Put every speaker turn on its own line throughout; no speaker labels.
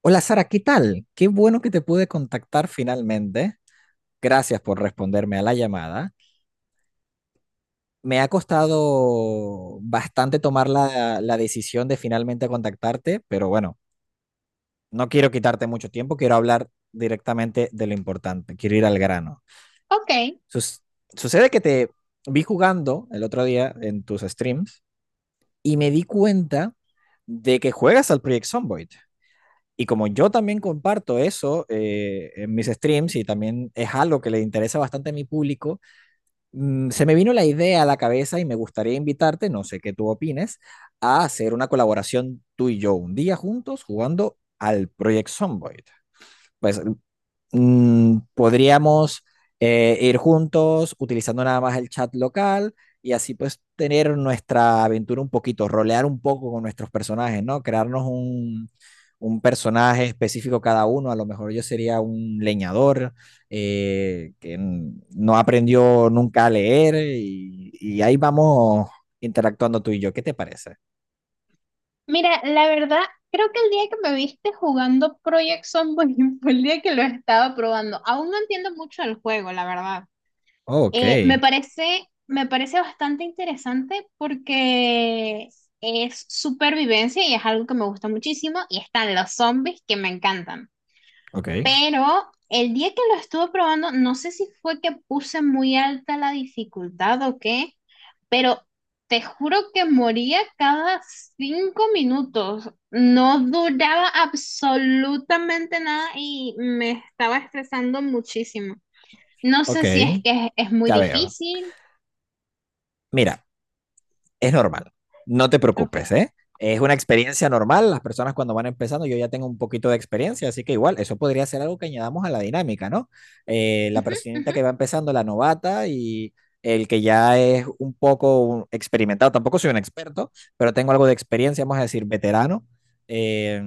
Hola Sara, ¿qué tal? Qué bueno que te pude contactar finalmente. Gracias por responderme a la llamada. Me ha costado bastante tomar la decisión de finalmente contactarte, pero bueno, no quiero quitarte mucho tiempo, quiero hablar directamente de lo importante, quiero ir al grano.
Ok,
Sus- Sucede que te vi jugando el otro día en tus streams y me di cuenta de que juegas al Project Zomboid. Y como yo también comparto eso en mis streams y también es algo que le interesa bastante a mi público, se me vino la idea a la cabeza y me gustaría invitarte, no sé qué tú opines, a hacer una colaboración tú y yo un día juntos jugando al Project Zomboid. Pues podríamos ir juntos utilizando nada más el chat local y así pues tener nuestra aventura un poquito, rolear un poco con nuestros personajes, ¿no? Crearnos un personaje específico cada uno. A lo mejor yo sería un leñador que no aprendió nunca a leer y ahí vamos interactuando tú y yo. ¿Qué te parece?
mira, la verdad, creo que el día que me viste jugando Project Zomboid fue el día que lo estaba probando. Aún no entiendo mucho del juego, la verdad.
Oh,
Me
ok,
parece, me parece bastante interesante porque es supervivencia y es algo que me gusta muchísimo. Y están los zombies que me encantan.
ok,
Pero el día que lo estuve probando, no sé si fue que puse muy alta la dificultad o qué, pero te juro que moría cada 5 minutos. No duraba absolutamente nada y me estaba estresando muchísimo. No sé si es
ok.
que es muy
Ya veo.
difícil.
Mira, es normal. No te
Ok.
preocupes, ¿eh? Es una experiencia normal. Las personas cuando van empezando, yo ya tengo un poquito de experiencia, así que igual, eso podría ser algo que añadamos a la dinámica, ¿no? La
Ujú,
personita
ujú.
que va empezando, la novata y el que ya es un poco experimentado, tampoco soy un experto, pero tengo algo de experiencia, vamos a decir, veterano, eh,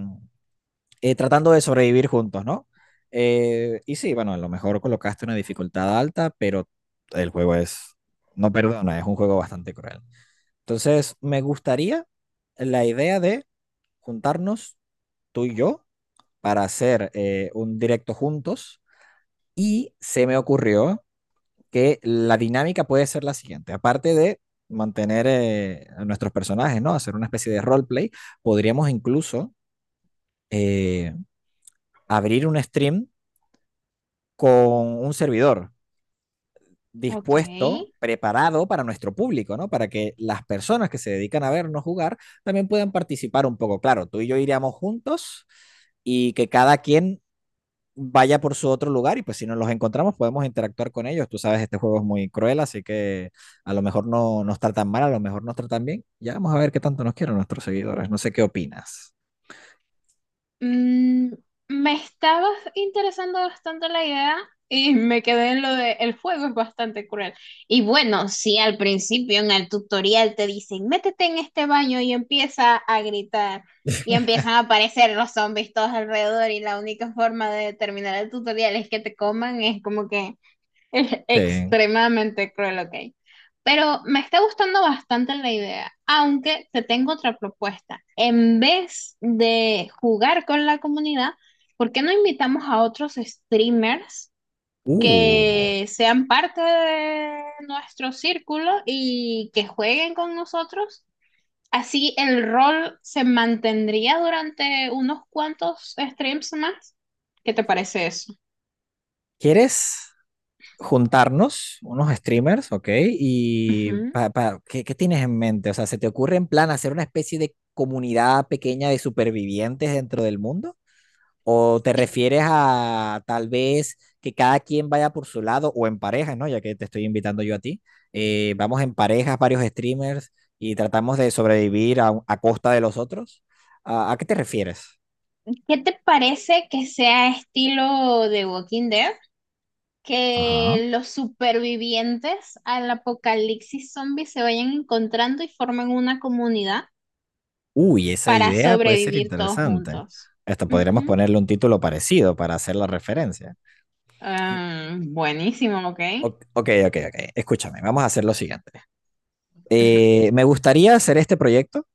tratando de sobrevivir juntos, ¿no? Y sí, bueno, a lo mejor colocaste una dificultad alta, pero el juego es, no perdona, es un juego bastante cruel. Entonces, me gustaría la idea de juntarnos tú y yo para hacer un directo juntos y se me ocurrió que la dinámica puede ser la siguiente, aparte de mantener a nuestros personajes, ¿no? Hacer una especie de roleplay, podríamos incluso eh, abrir un stream con un servidor
Ok.
dispuesto, preparado para nuestro público, ¿no? Para que las personas que se dedican a vernos jugar también puedan participar un poco. Claro, tú y yo iríamos juntos y que cada quien vaya por su otro lugar y pues si nos los encontramos podemos interactuar con ellos. Tú sabes, este juego es muy cruel, así que a lo mejor no nos tratan mal, a lo mejor nos tratan bien. Ya vamos a ver qué tanto nos quieren nuestros seguidores. No sé qué opinas.
Mm, Me estaba interesando bastante la idea y me quedé en lo de el juego es bastante cruel. Y bueno, si al principio en el tutorial te dicen, métete en este baño y empieza a gritar, y empiezan a aparecer los zombies todos alrededor, y la única forma de terminar el tutorial es que te coman, es como que
Sí.
extremadamente cruel, ok. Pero me está gustando bastante la idea, aunque te tengo otra propuesta. En vez de jugar con la comunidad, ¿por qué no invitamos a otros streamers
Uh,
que sean parte de nuestro círculo y que jueguen con nosotros? Así el rol se mantendría durante unos cuantos streams más. ¿Qué te parece eso?
¿quieres juntarnos unos streamers, ok? ¿Y
Ujú.
qué, qué tienes en mente? O sea, ¿se te ocurre en plan hacer una especie de comunidad pequeña de supervivientes dentro del mundo? ¿O te
Sí.
refieres a tal vez que cada quien vaya por su lado o en parejas, ¿no? Ya que te estoy invitando yo a ti. Vamos en parejas, varios streamers y tratamos de sobrevivir a costa de los otros. A qué te refieres?
¿Qué te parece que sea estilo de Walking Dead?
Ajá.
Que los supervivientes al apocalipsis zombie se vayan encontrando y formen una comunidad
Uy, esa
para
idea puede ser
sobrevivir todos
interesante.
juntos.
Esto podríamos
Ujú.
ponerle un título parecido para hacer la referencia.
Ah, buenísimo, ok.
O- ok, ok, ok. Escúchame, vamos a hacer lo siguiente.
Ujú,
Me gustaría hacer este proyecto.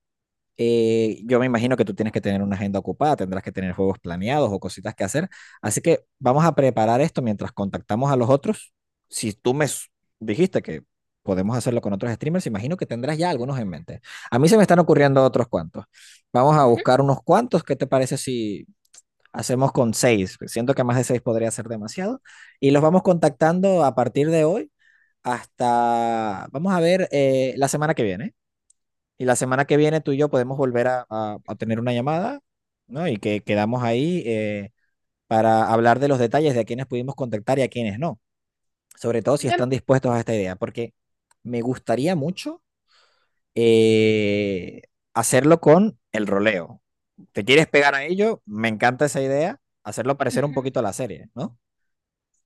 Yo me imagino que tú tienes que tener una agenda ocupada, tendrás que tener juegos planeados o cositas que hacer. Así que vamos a preparar esto mientras contactamos a los otros. Si tú dijiste que podemos hacerlo con otros streamers, imagino que tendrás ya algunos en mente. A mí se me están ocurriendo otros cuantos. Vamos a
ujú.
buscar unos cuantos. ¿Qué te parece si hacemos con 6? Siento que más de 6 podría ser demasiado. Y los vamos contactando a partir de hoy hasta, vamos a ver, la semana que viene. Y la semana que viene tú y yo podemos volver a tener una llamada, ¿no? Y que quedamos ahí para hablar de los detalles de a quienes pudimos contactar y a quienes no. Sobre todo si
Me-
están dispuestos a esta idea, porque me gustaría mucho eh, hacerlo con el roleo. ¿Te quieres pegar a ello? Me encanta esa idea. Hacerlo parecer un
Ujú.
poquito a la serie, ¿no?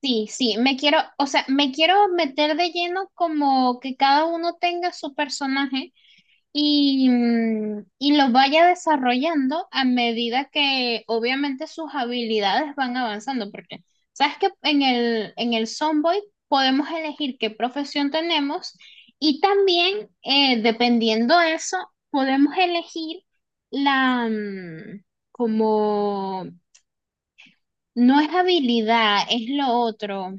Sí, sí, me quiero, o sea, me quiero meter de lleno como que cada uno tenga su personaje. Y los vaya desarrollando a medida que obviamente sus habilidades van avanzando, porque sabes que en el Sonboy podemos elegir qué profesión tenemos y también dependiendo de eso podemos elegir la como no es habilidad, es lo otro.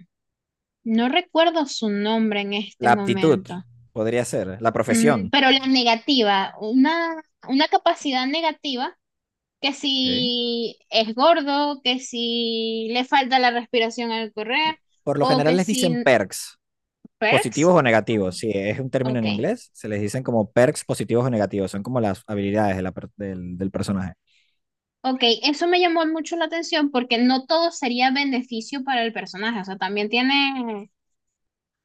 No recuerdo su nombre en este
La aptitud
momento.
podría ser, la profesión.
Pero la negativa, una capacidad negativa, que
Ok.
si es gordo, que si le falta la respiración al correr,
Por lo
o
general
que
les dicen
si
perks. Positivos
perks.
o
Mm,
negativos, sí es un término en
ok,
inglés, se les dicen como perks positivos o negativos, son como las habilidades de la del, del personaje.
ok, eso me llamó mucho la atención porque no todo sería beneficio para el personaje, o sea, también tiene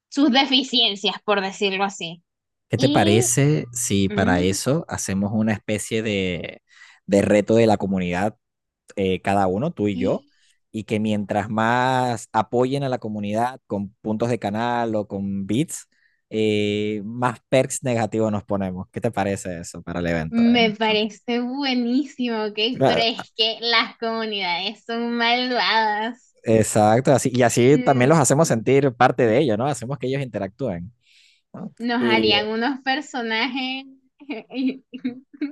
sus deficiencias, por decirlo así.
¿Qué te
Y
parece si para
mm,
eso hacemos una especie de reto de la comunidad, cada uno, tú y yo, y que mientras más apoyen a la comunidad con puntos de canal o con bits, más perks negativos nos ponemos? ¿Qué te parece eso para el evento? ¿Eh?
me
Eso.
parece buenísimo, ok, pero
Claro,
es que las comunidades son malvadas.
exacto, así, y así también los
Mm,
hacemos sentir parte de ello, ¿no? Hacemos que ellos interactúen, ¿no?
Nos
Y
harían unos personajes.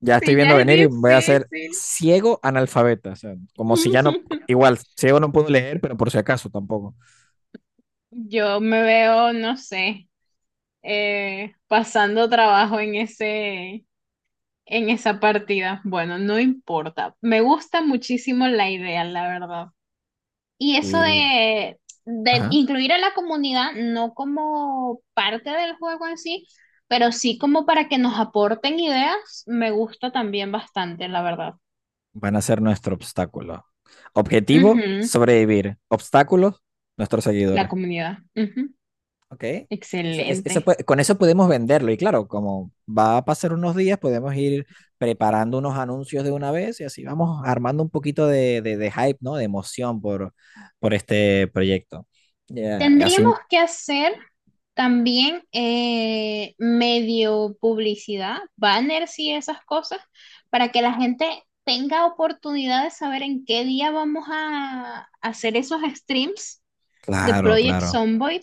ya estoy
Sí,
viendo
ya es
venir y voy a ser
difícil.
ciego analfabeta, o sea, como si ya no, igual, ciego no puedo leer, pero por si acaso tampoco.
Yo me veo, no sé, pasando trabajo en ese, en esa partida. Bueno, no importa. Me gusta muchísimo la idea, la verdad. Y eso
Y,
de
ajá,
incluir a la comunidad, no como parte del juego en sí, pero sí como para que nos aporten ideas, me gusta también bastante, la verdad.
van a ser nuestro obstáculo. Objetivo,
Ujú.
sobrevivir. Obstáculos, nuestros
La
seguidores.
comunidad. Ujú.
Ok. Eso- es- eso
Excelente.
puede- con eso podemos venderlo. Y claro, como va a pasar unos días, podemos ir preparando unos anuncios de una vez y así vamos armando un poquito de hype, ¿no? De emoción por este proyecto. Ya, y así,
Tendríamos que hacer también medio publicidad, banners y esas cosas, para que la gente tenga oportunidad de saber en qué día vamos a hacer esos streams the
claro,
Project
claro.
Zomboid.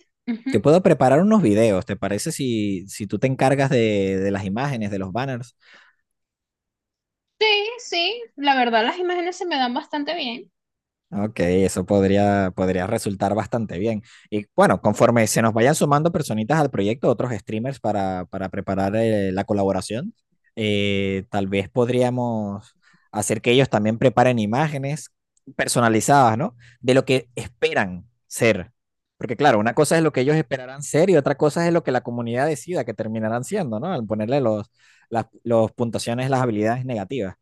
Yo
Ujú.
puedo preparar unos videos, ¿te parece si, si tú te encargas de las imágenes, de los banners?
Sí, sí, la verdad las imágenes se me dan bastante bien.
Ok, eso podría, podría resultar bastante bien. Y bueno, conforme se nos vayan sumando personitas al proyecto, otros streamers para preparar la colaboración, tal vez podríamos hacer que ellos también preparen imágenes personalizadas, ¿no? De lo que esperan ser. Porque claro, una cosa es lo que ellos esperarán ser y otra cosa es lo que la comunidad decida que terminarán siendo, ¿no? Al ponerle las los puntuaciones, las habilidades negativas.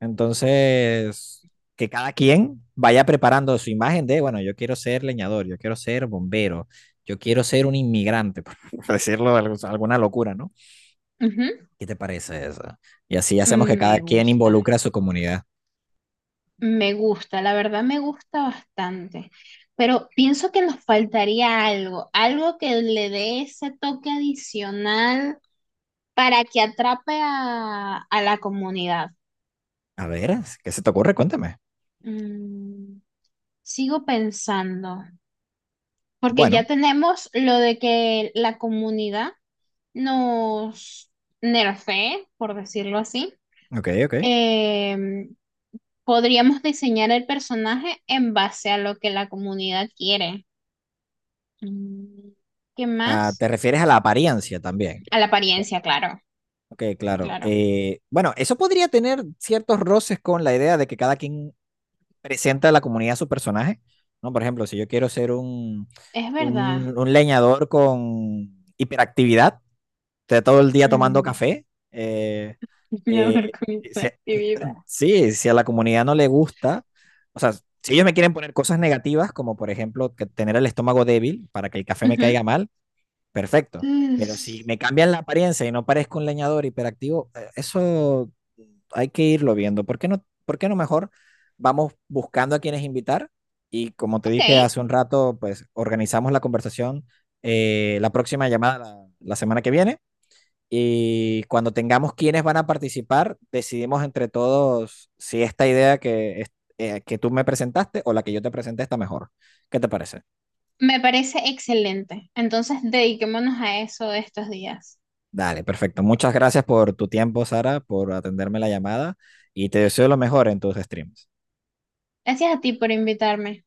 Entonces que cada quien vaya preparando su imagen de, bueno, yo quiero ser leñador, yo quiero ser bombero, yo quiero ser un inmigrante, por decirlo alguna locura, ¿no?
Ujú.
¿Qué te parece eso? Y así hacemos que
Mm,
cada
Me
quien
gusta,
involucre a su comunidad.
me gusta, la verdad me gusta bastante. Pero pienso que nos faltaría algo, algo que le dé ese toque adicional para que atrape a la comunidad.
A ver, ¿qué se te ocurre? Cuéntame.
Mm, Sigo pensando, porque ya
Bueno,
tenemos lo de que la comunidad nos nerfee, por decirlo así.
ok, ok.
em, Podríamos diseñar el personaje en base a lo que la comunidad quiere. Mm, ¿Qué
Ah,
más?
¿te refieres a la apariencia también?
A la apariencia, claro,
Ok, claro.
claro.
Bueno, eso podría tener ciertos roces con la idea de que cada quien presenta a la comunidad su personaje, ¿no? Por ejemplo, si yo quiero ser
Es verdad.
un leñador con hiperactividad, de todo el día tomando
Mm,
café, eh, eh,
Soñador con esta
si-
actividad.
sí, si a la comunidad no le gusta, o sea, si ellos me quieren poner cosas negativas, como por ejemplo que tener el estómago débil para que el café me
Ujú.
caiga mal, perfecto.
Mm,
Pero si me cambian la apariencia y no parezco un leñador hiperactivo, eso hay que irlo viendo. Por qué no mejor vamos buscando a quienes invitar? Y como te
Ok,
dije hace un rato, pues organizamos la conversación, la próxima llamada la semana que viene. Y cuando tengamos quienes van a participar, decidimos entre todos si esta idea que tú me presentaste o la que yo te presenté está mejor. ¿Qué te parece?
me parece excelente. Entonces, dediquémonos a eso estos días.
Dale, perfecto. Muchas gracias por tu tiempo, Sara, por atenderme la llamada y te deseo lo mejor en tus streams.
Gracias a ti por invitarme.